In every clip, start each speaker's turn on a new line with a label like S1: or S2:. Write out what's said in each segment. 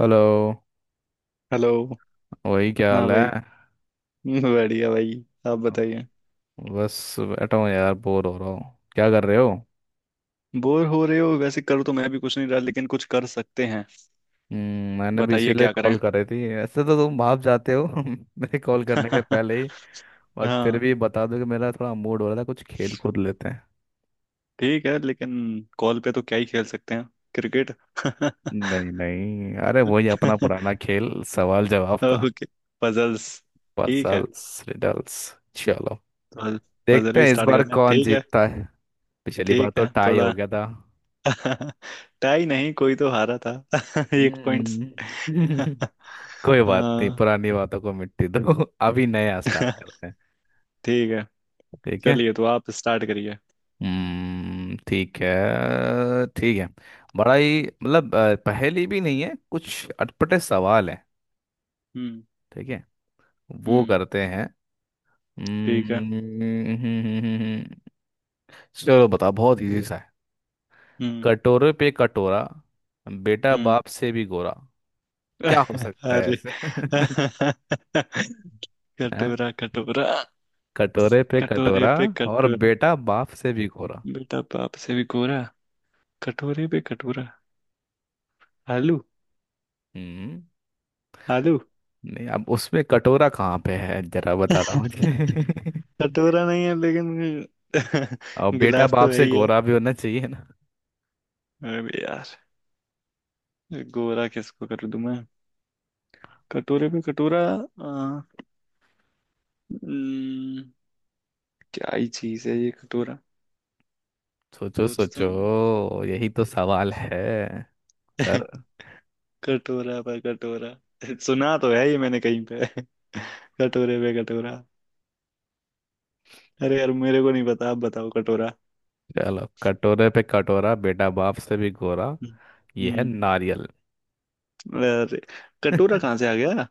S1: Hello.
S2: Hello.
S1: वही क्या
S2: हाँ
S1: हाल है।
S2: भाई। बढ़िया भाई। आप बताइए।
S1: बस बैठा हूँ यार, बोर हो रहा हूँ। क्या कर रहे हो।
S2: बोर हो रहे हो? वैसे कर तो मैं भी कुछ नहीं रहा लेकिन कुछ कर सकते हैं।
S1: मैंने भी
S2: बताइए
S1: इसीलिए
S2: क्या करें।
S1: कॉल कर रही थी। ऐसे तो तुम भाप जाते हो मेरे कॉल करने के पहले ही। बट फिर
S2: हाँ
S1: भी बता दो कि मेरा थोड़ा मूड हो रहा था, कुछ खेल कूद लेते हैं।
S2: ठीक है लेकिन कॉल पे तो क्या ही खेल सकते हैं। क्रिकेट।
S1: नहीं नहीं, अरे वही अपना पुराना खेल, सवाल जवाब का।
S2: ओके। पजल्स। ठीक है
S1: पजल्स, रिडल्स। चलो,
S2: तो पजल
S1: देखते
S2: ही
S1: हैं इस
S2: स्टार्ट
S1: बार
S2: करते हैं।
S1: कौन जीतता है। पिछली बार
S2: ठीक
S1: तो
S2: है
S1: टाई हो
S2: थोड़ा।
S1: गया था।
S2: टाई नहीं, कोई तो हारा था एक पॉइंट
S1: हम्म।
S2: से।
S1: कोई बात नहीं,
S2: हाँ
S1: पुरानी बातों को मिट्टी दो। अभी नया स्टार्ट करते हैं।
S2: ठीक है।
S1: ठीक है।
S2: चलिए तो आप स्टार्ट करिए।
S1: हम्म, ठीक है ठीक है। बड़ा ही मतलब पहेली भी नहीं है, कुछ अटपटे सवाल है।
S2: हम्म।
S1: ठीक है, वो
S2: हम्म
S1: करते हैं।
S2: ठीक है।
S1: हम्म, चलो बताओ, बहुत इजी सा है।
S2: हम्म।
S1: कटोरे पे कटोरा, बेटा
S2: हम्म।
S1: बाप से भी गोरा। क्या हो सकता है
S2: अरे।
S1: ऐसे। हैं?
S2: कटोरा कटोरा।
S1: कटोरे पे
S2: कटोरे
S1: कटोरा,
S2: पे
S1: और
S2: कटोरा
S1: बेटा बाप से भी गोरा।
S2: बेटा बाप से भी गोरा। कटोरे पे कटोरा। आलू।
S1: हम्म।
S2: आलू।
S1: नहीं, अब उसमें कटोरा कहाँ पे है जरा बता रहा हूँ मुझे।
S2: कटोरा नहीं है लेकिन।
S1: और बेटा
S2: गिलास तो
S1: बाप
S2: है
S1: से
S2: ही है।
S1: गोरा भी होना चाहिए ना।
S2: अरे यार, गोरा किसको कर दूं मैं? कटोरे पे कटोरा हम्म, क्या ही चीज है ये कटोरा?
S1: सोचो
S2: सोचता
S1: सोचो,
S2: हूँ।
S1: यही तो सवाल है। सर,
S2: कटोरा पर कटोरा। सुना तो है ये मैंने कहीं पे। कटोरे पे कटोरा। अरे यार, मेरे को नहीं पता, आप बताओ कटोरा।
S1: चलो कटोरे पे कटोरा बेटा बाप से भी गोरा,
S2: हम्म।
S1: ये है
S2: हम्म।
S1: नारियल।
S2: अरे,
S1: अब
S2: कटोरा कहाँ से आ गया?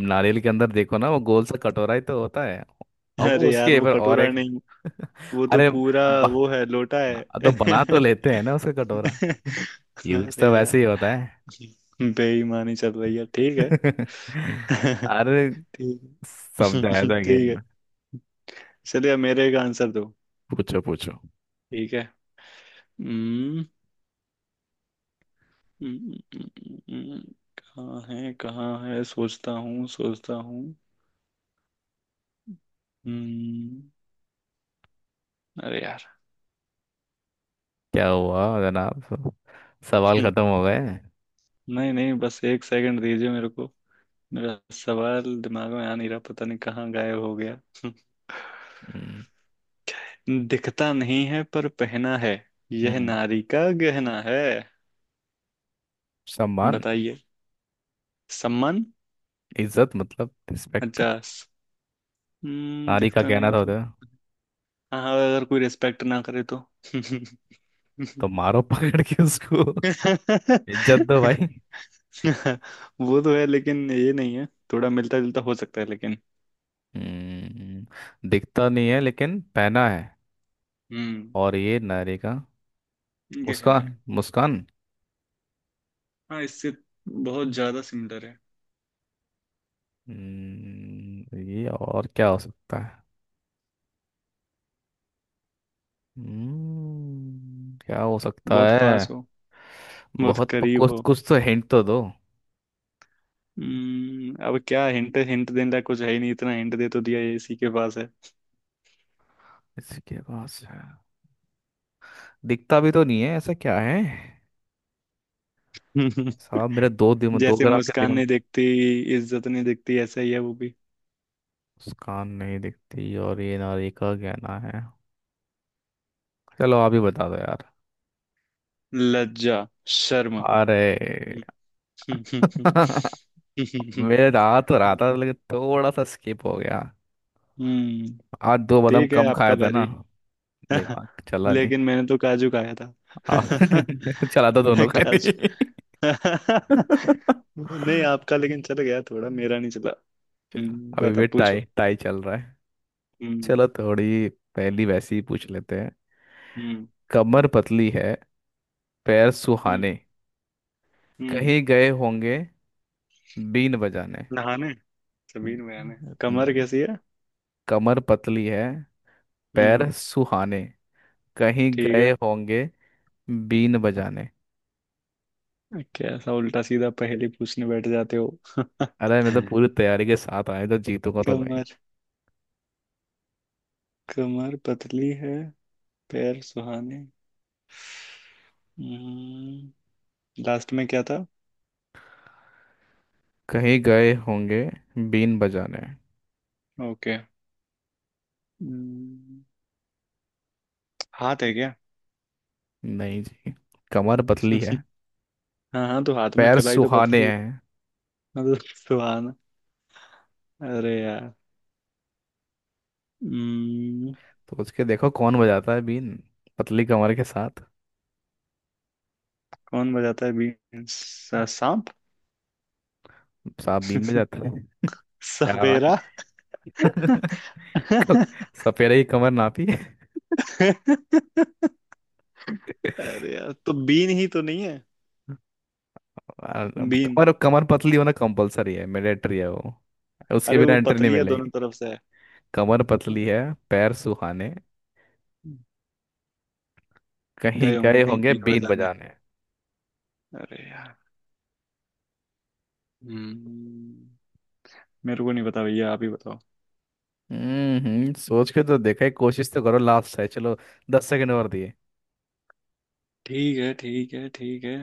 S1: नारियल के अंदर देखो ना, वो गोल सा कटोरा ही तो होता है। अब वो
S2: अरे यार
S1: उसके
S2: वो
S1: ऊपर और
S2: कटोरा
S1: एक
S2: नहीं। वो तो
S1: अरे
S2: पूरा,
S1: ब...
S2: वो है लोटा
S1: तो
S2: है।
S1: बना तो लेते हैं ना उसका कटोरा। यूज
S2: अरे
S1: तो
S2: यार,
S1: वैसे ही होता है।
S2: बेईमानी चल रही है। ठीक है।
S1: अरे,
S2: ठीक
S1: सब
S2: है।
S1: जायजा
S2: ठीक
S1: गेम
S2: है
S1: में।
S2: चलिए, अब मेरे का आंसर दो।
S1: पूछो पूछो।
S2: ठीक है। हम्म। हम्म, हम्म, हम्म, हम्म, हम्म। कहाँ है सोचता हूँ सोचता हूँ। हम्म। अरे यार।
S1: क्या हुआ जनाब, सवाल
S2: हम्म।
S1: खत्म हो गए।
S2: नहीं नहीं बस एक सेकंड दीजिए मेरे को। मेरा सवाल दिमाग में आ नहीं रहा, पता नहीं कहाँ गायब हो गया।
S1: हम्म
S2: दिखता नहीं है पर पहना है। यह
S1: हम्म,
S2: नारी का गहना है।
S1: सम्मान,
S2: बताइए। सम्मान।
S1: इज्जत मतलब रिस्पेक्ट।
S2: अच्छा
S1: नारी का
S2: दिखता
S1: कहना
S2: नहीं
S1: था उधर,
S2: पर। हाँ अगर कोई रिस्पेक्ट ना करे तो।
S1: तो मारो पकड़ के उसको। इज्जत दो भाई।
S2: वो तो है लेकिन ये नहीं है। थोड़ा मिलता जुलता हो सकता है लेकिन।
S1: हम्म, दिखता नहीं है लेकिन पहना है,
S2: हम्म
S1: और ये नारी का
S2: गहना
S1: मुस्कान
S2: है।
S1: मुस्कान।
S2: हाँ इससे बहुत ज्यादा सिमिलर है।
S1: ये और क्या हो सकता है। हम्म, क्या हो सकता
S2: बहुत
S1: है।
S2: पास हो, बहुत करीब
S1: कुछ
S2: हो।
S1: कुछ तो हिंट तो दो।
S2: अब क्या हिंट हिंट देने लायक कुछ है ही नहीं, इतना हिंट दे तो दिया, ये इसी के पास है।
S1: इसके पास है, दिखता भी तो नहीं है, ऐसा क्या है। साहब मेरा दो
S2: जैसे
S1: ग्राम के
S2: मुस्कान
S1: दिमाग।
S2: नहीं दिखती, इज्जत नहीं दिखती, ऐसा ही है वो भी।
S1: मुस्कान नहीं दिखती, और ये नारी का गहना है। चलो आप ही बता दो यार।
S2: लज्जा। शर्म।
S1: अरे। मेरे रात और आता था, लेकिन थोड़ा सा स्किप हो गया।
S2: हम्म
S1: आज दो बादाम
S2: ठीक है
S1: कम
S2: आपका
S1: खाया था ना,
S2: बारी।
S1: दिमाग चला नहीं।
S2: लेकिन मैंने तो काजू खाया था।
S1: चला तो दोनों का
S2: काजू।
S1: नहीं।
S2: नहीं आपका लेकिन चल गया, थोड़ा मेरा नहीं चला।
S1: अभी
S2: बता
S1: भी टाई
S2: पूछो।
S1: टाई चल रहा है।
S2: हम्म।
S1: चलो थोड़ी पहली वैसी ही पूछ लेते हैं।
S2: हम्म।
S1: कमर पतली है, पैर
S2: हम्म।
S1: सुहाने,
S2: हम्म।
S1: कहीं गए होंगे बीन बजाने।
S2: नहाने, जमीन में आने,
S1: बीन
S2: कमर
S1: बजा-
S2: कैसी है?
S1: कमर पतली है,
S2: हम्म।
S1: पैर सुहाने, कहीं
S2: ठीक
S1: गए
S2: है।
S1: होंगे बीन बजाने।
S2: कैसा उल्टा सीधा पहेली पूछने बैठ जाते हो।
S1: अरे मैं तो पूरी तैयारी के साथ आया, तो जीतूंगा तो भाई।
S2: कमर। कमर पतली है, पैर सुहाने। हम्म। लास्ट में क्या था?
S1: कहीं गए होंगे बीन बजाने।
S2: ओके। हम्म, हाथ है क्या?
S1: नहीं जी, कमर पतली है,
S2: हाँ हाँ तो हाथ में
S1: पैर
S2: कलाई तो
S1: सुहाने
S2: पतली।
S1: हैं।
S2: मतलब सुहाना। अरे यार। हम्म,
S1: सोच के देखो कौन बजाता है बीन पतली कमर के साथ।
S2: कौन बजाता है बीन? सांप।
S1: सांप बीन में जाता है। क्या बात।
S2: सफेरा।
S1: क- सपेरे की कमर नापी।
S2: अरे यार तो बीन ही तो नहीं है।
S1: और
S2: बीन।
S1: कमर कमर पतली होना कंपलसरी है, मैंडेटरी है वो, उसके
S2: अरे
S1: बिना
S2: वो
S1: एंट्री नहीं
S2: पतली है दोनों
S1: मिलेगी।
S2: तरफ से है।
S1: कमर पतली
S2: अरे,
S1: है, पैर सुहाने, कहीं
S2: गए होंगे
S1: गए
S2: कहीं
S1: होंगे
S2: पीर
S1: बीन
S2: बजाने।
S1: बजाने।
S2: अरे यार। हम्म। मेरे को नहीं पता भैया, आप ही बताओ।
S1: सोच के तो देखा है, कोशिश तो करो, लास्ट है चलो, दस सेकंड और दिए।
S2: ठीक है ठीक है ठीक है।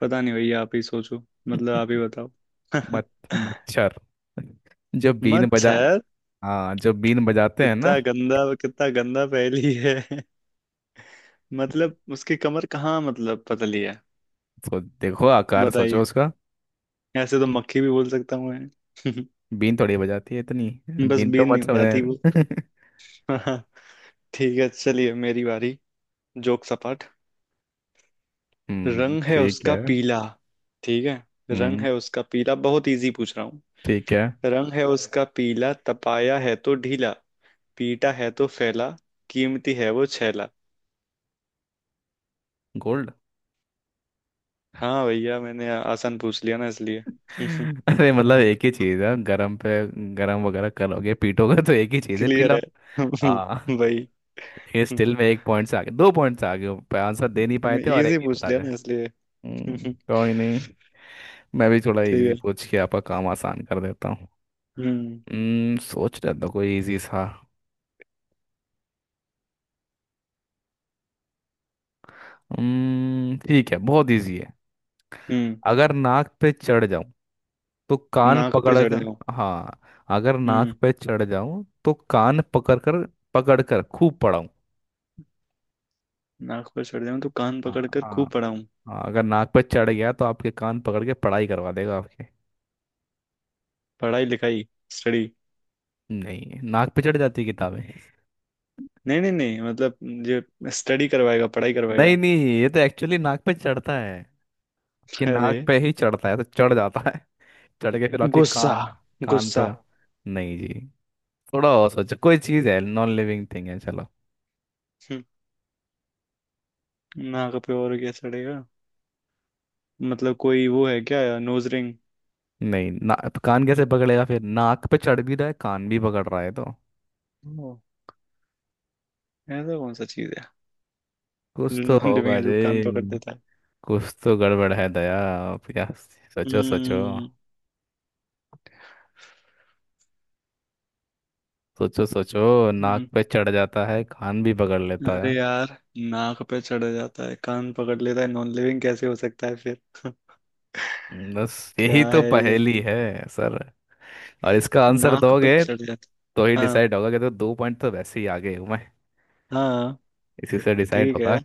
S2: पता नहीं भैया, आप ही सोचो, मतलब आप ही बताओ।
S1: मत, मच्छर, जो बीन बजा।
S2: मच्छर?
S1: हाँ, जो बीन बजाते हैं ना,
S2: कितना गंदा पहेली है। मतलब उसकी कमर कहाँ मतलब पतली है?
S1: तो देखो आकार
S2: बताइए।
S1: सोचो उसका।
S2: ऐसे तो मक्खी भी बोल सकता हूँ मैं।
S1: बीन थोड़ी बजाती है, इतनी
S2: बस
S1: बीन तो
S2: बीन नहीं
S1: मत
S2: हो जाती वो।
S1: समझे।
S2: हाँ ठीक है। चलिए मेरी बारी। जोक सपाट। रंग है
S1: ठीक
S2: उसका
S1: है।
S2: पीला। ठीक है। रंग
S1: हम्म
S2: है उसका पीला, बहुत इजी पूछ रहा हूँ।
S1: ठीक है।
S2: रंग है उसका पीला, तपाया है तो ढीला, पीटा है तो फैला, कीमती है वो छैला।
S1: गोल्ड।
S2: हाँ भैया मैंने आसान पूछ लिया ना इसलिए।
S1: अरे मतलब एक ही चीज है, गरम पे गरम वगैरह करोगे पीटोगे, तो एक ही चीज है,
S2: क्लियर
S1: पीला।
S2: है।
S1: आ,
S2: भाई।
S1: ये
S2: हम्म,
S1: स्टिल में एक पॉइंट से आगे, दो पॉइंट से आगे हो। पे आंसर दे नहीं पाए
S2: मैं
S1: थे, और एक
S2: इजी
S1: ही
S2: पूछ
S1: बता
S2: लिया
S1: दे।
S2: ना इसलिए। हम्म,
S1: कोई नहीं। मैं भी थोड़ा
S2: ठीक
S1: इजी
S2: है।
S1: पूछ के आपका काम आसान कर देता हूँ।
S2: हम्म।
S1: हम्म, सोच रहा था कोई इजी सा। ठीक है, बहुत इजी है।
S2: हम्म
S1: अगर नाक पे चढ़ जाऊं तो कान
S2: नाक पे
S1: पकड़
S2: चढ़े
S1: कर।
S2: हूँ।
S1: हाँ, अगर
S2: हम्म।
S1: नाक पे चढ़ जाऊं तो कान पकड़ कर, पकड़ कर खूब पढ़ाऊं।
S2: नाक पे चढ़े हूँ तो कान
S1: हाँ।
S2: पकड़ कर खूब
S1: हाँ।
S2: पढ़ा हूँ।
S1: हाँ, अगर नाक पे चढ़ गया तो आपके कान पकड़ के पढ़ाई करवा देगा आपके।
S2: पढ़ाई लिखाई स्टडी।
S1: नहीं, नाक पे चढ़ जाती है किताबें।
S2: नहीं नहीं नहीं मतलब ये स्टडी करवाएगा, पढ़ाई
S1: नहीं
S2: करवाएगा।
S1: नहीं, ये तो एक्चुअली नाक पे चढ़ता है, कि नाक
S2: अरे
S1: पे ही चढ़ता है तो चढ़ जाता है। चढ़ के फिर आपके
S2: गुस्सा।
S1: कान, कान
S2: गुस्सा।
S1: पर। नहीं जी, थोड़ा और सोचो, कोई चीज है, नॉन लिविंग थिंग है चलो।
S2: हम्म, नाक पे और क्या चढ़ेगा? मतलब कोई वो है क्या, नोज रिंग?
S1: नहीं ना तो कान कैसे पकड़ेगा, फिर नाक पे चढ़ भी रहा है, कान भी पकड़ रहा है तो
S2: ओ, ऐसा कौन सा चीज है
S1: कुछ
S2: जो
S1: तो
S2: नॉन लिविंग
S1: होगा
S2: है जो कान पकड़
S1: जी।
S2: देता है?
S1: कुछ तो गड़बड़ है दया आप या। सोचो सोचो,
S2: हम्म।
S1: सोचो सोचो, नाक पे चढ़ जाता है, कान भी पकड़ लेता
S2: अरे
S1: है।
S2: यार। नाक पे चढ़ जाता है कान पकड़ लेता है, नॉन लिविंग कैसे हो सकता है फिर?
S1: बस
S2: क्या
S1: यही तो
S2: है ये?
S1: पहेली है। सर, और इसका आंसर
S2: नाक पे
S1: दोगे
S2: चढ़
S1: तो ही
S2: जाता, हाँ।
S1: डिसाइड होगा कि, तो दो पॉइंट तो वैसे ही आगे हूँ मैं,
S2: हाँ।
S1: इसी से डिसाइड
S2: ठीक है
S1: होगा।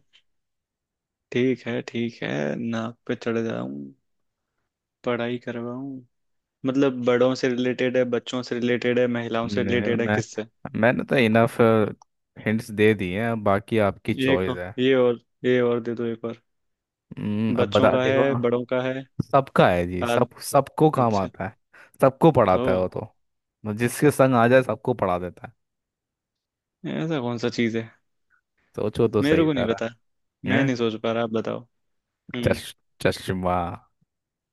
S2: ठीक है ठीक है। नाक पे चढ़ जाऊं, पढ़ाई करवाऊं। मतलब बड़ों से रिलेटेड है, बच्चों से रिलेटेड है, महिलाओं से
S1: नहीं
S2: रिलेटेड है,
S1: मैं
S2: किससे?
S1: मैंने तो
S2: हम्म,
S1: इनफ
S2: हम्म,
S1: हिंट्स दे दिए हैं, अब बाकी आपकी
S2: ये
S1: चॉइस
S2: को
S1: है।
S2: ये और ये और दे दो एक और।
S1: अब
S2: बच्चों
S1: बता
S2: का
S1: देखो।
S2: है बड़ों का है?
S1: सबका है जी,
S2: आद
S1: सब सबको काम
S2: अच्छा।
S1: आता है। सबको
S2: ओ,
S1: पढ़ाता है वो तो, जिसके संग आ जाए सबको पढ़ा देता है।
S2: ऐसा कौन सा चीज है?
S1: सोचो तो
S2: मेरे
S1: सही
S2: को नहीं
S1: सारा।
S2: पता, मैं
S1: हैं?
S2: नहीं सोच पा रहा, आप बताओ।
S1: चश
S2: हम्म।
S1: चश्मा।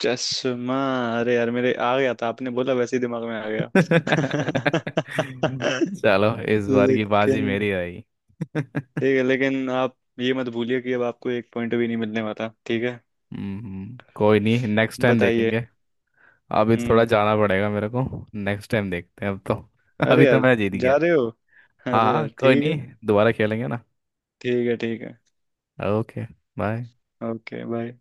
S2: चश्मा। अरे यार मेरे आ गया था, आपने बोला वैसे ही दिमाग में आ गया।
S1: चलो इस बार की बाजी
S2: लेकिन
S1: मेरी रही।
S2: ठीक है, लेकिन आप ये मत भूलिए कि अब आपको एक पॉइंट भी नहीं मिलने वाला, ठीक है।
S1: हम्म, कोई नहीं, नेक्स्ट टाइम
S2: बताइए।
S1: देखेंगे। अभी तो थोड़ा
S2: हम्म।
S1: जाना पड़ेगा मेरे को। नेक्स्ट टाइम देखते हैं अब तो।
S2: अरे
S1: अभी तो
S2: यार,
S1: मैं जीत
S2: जा
S1: गया।
S2: रहे हो?
S1: हाँ
S2: अरे
S1: हाँ,
S2: यार
S1: कोई
S2: ठीक है।
S1: नहीं, दोबारा खेलेंगे ना।
S2: ठीक है ठीक है।
S1: Okay, bye.
S2: Okay bye.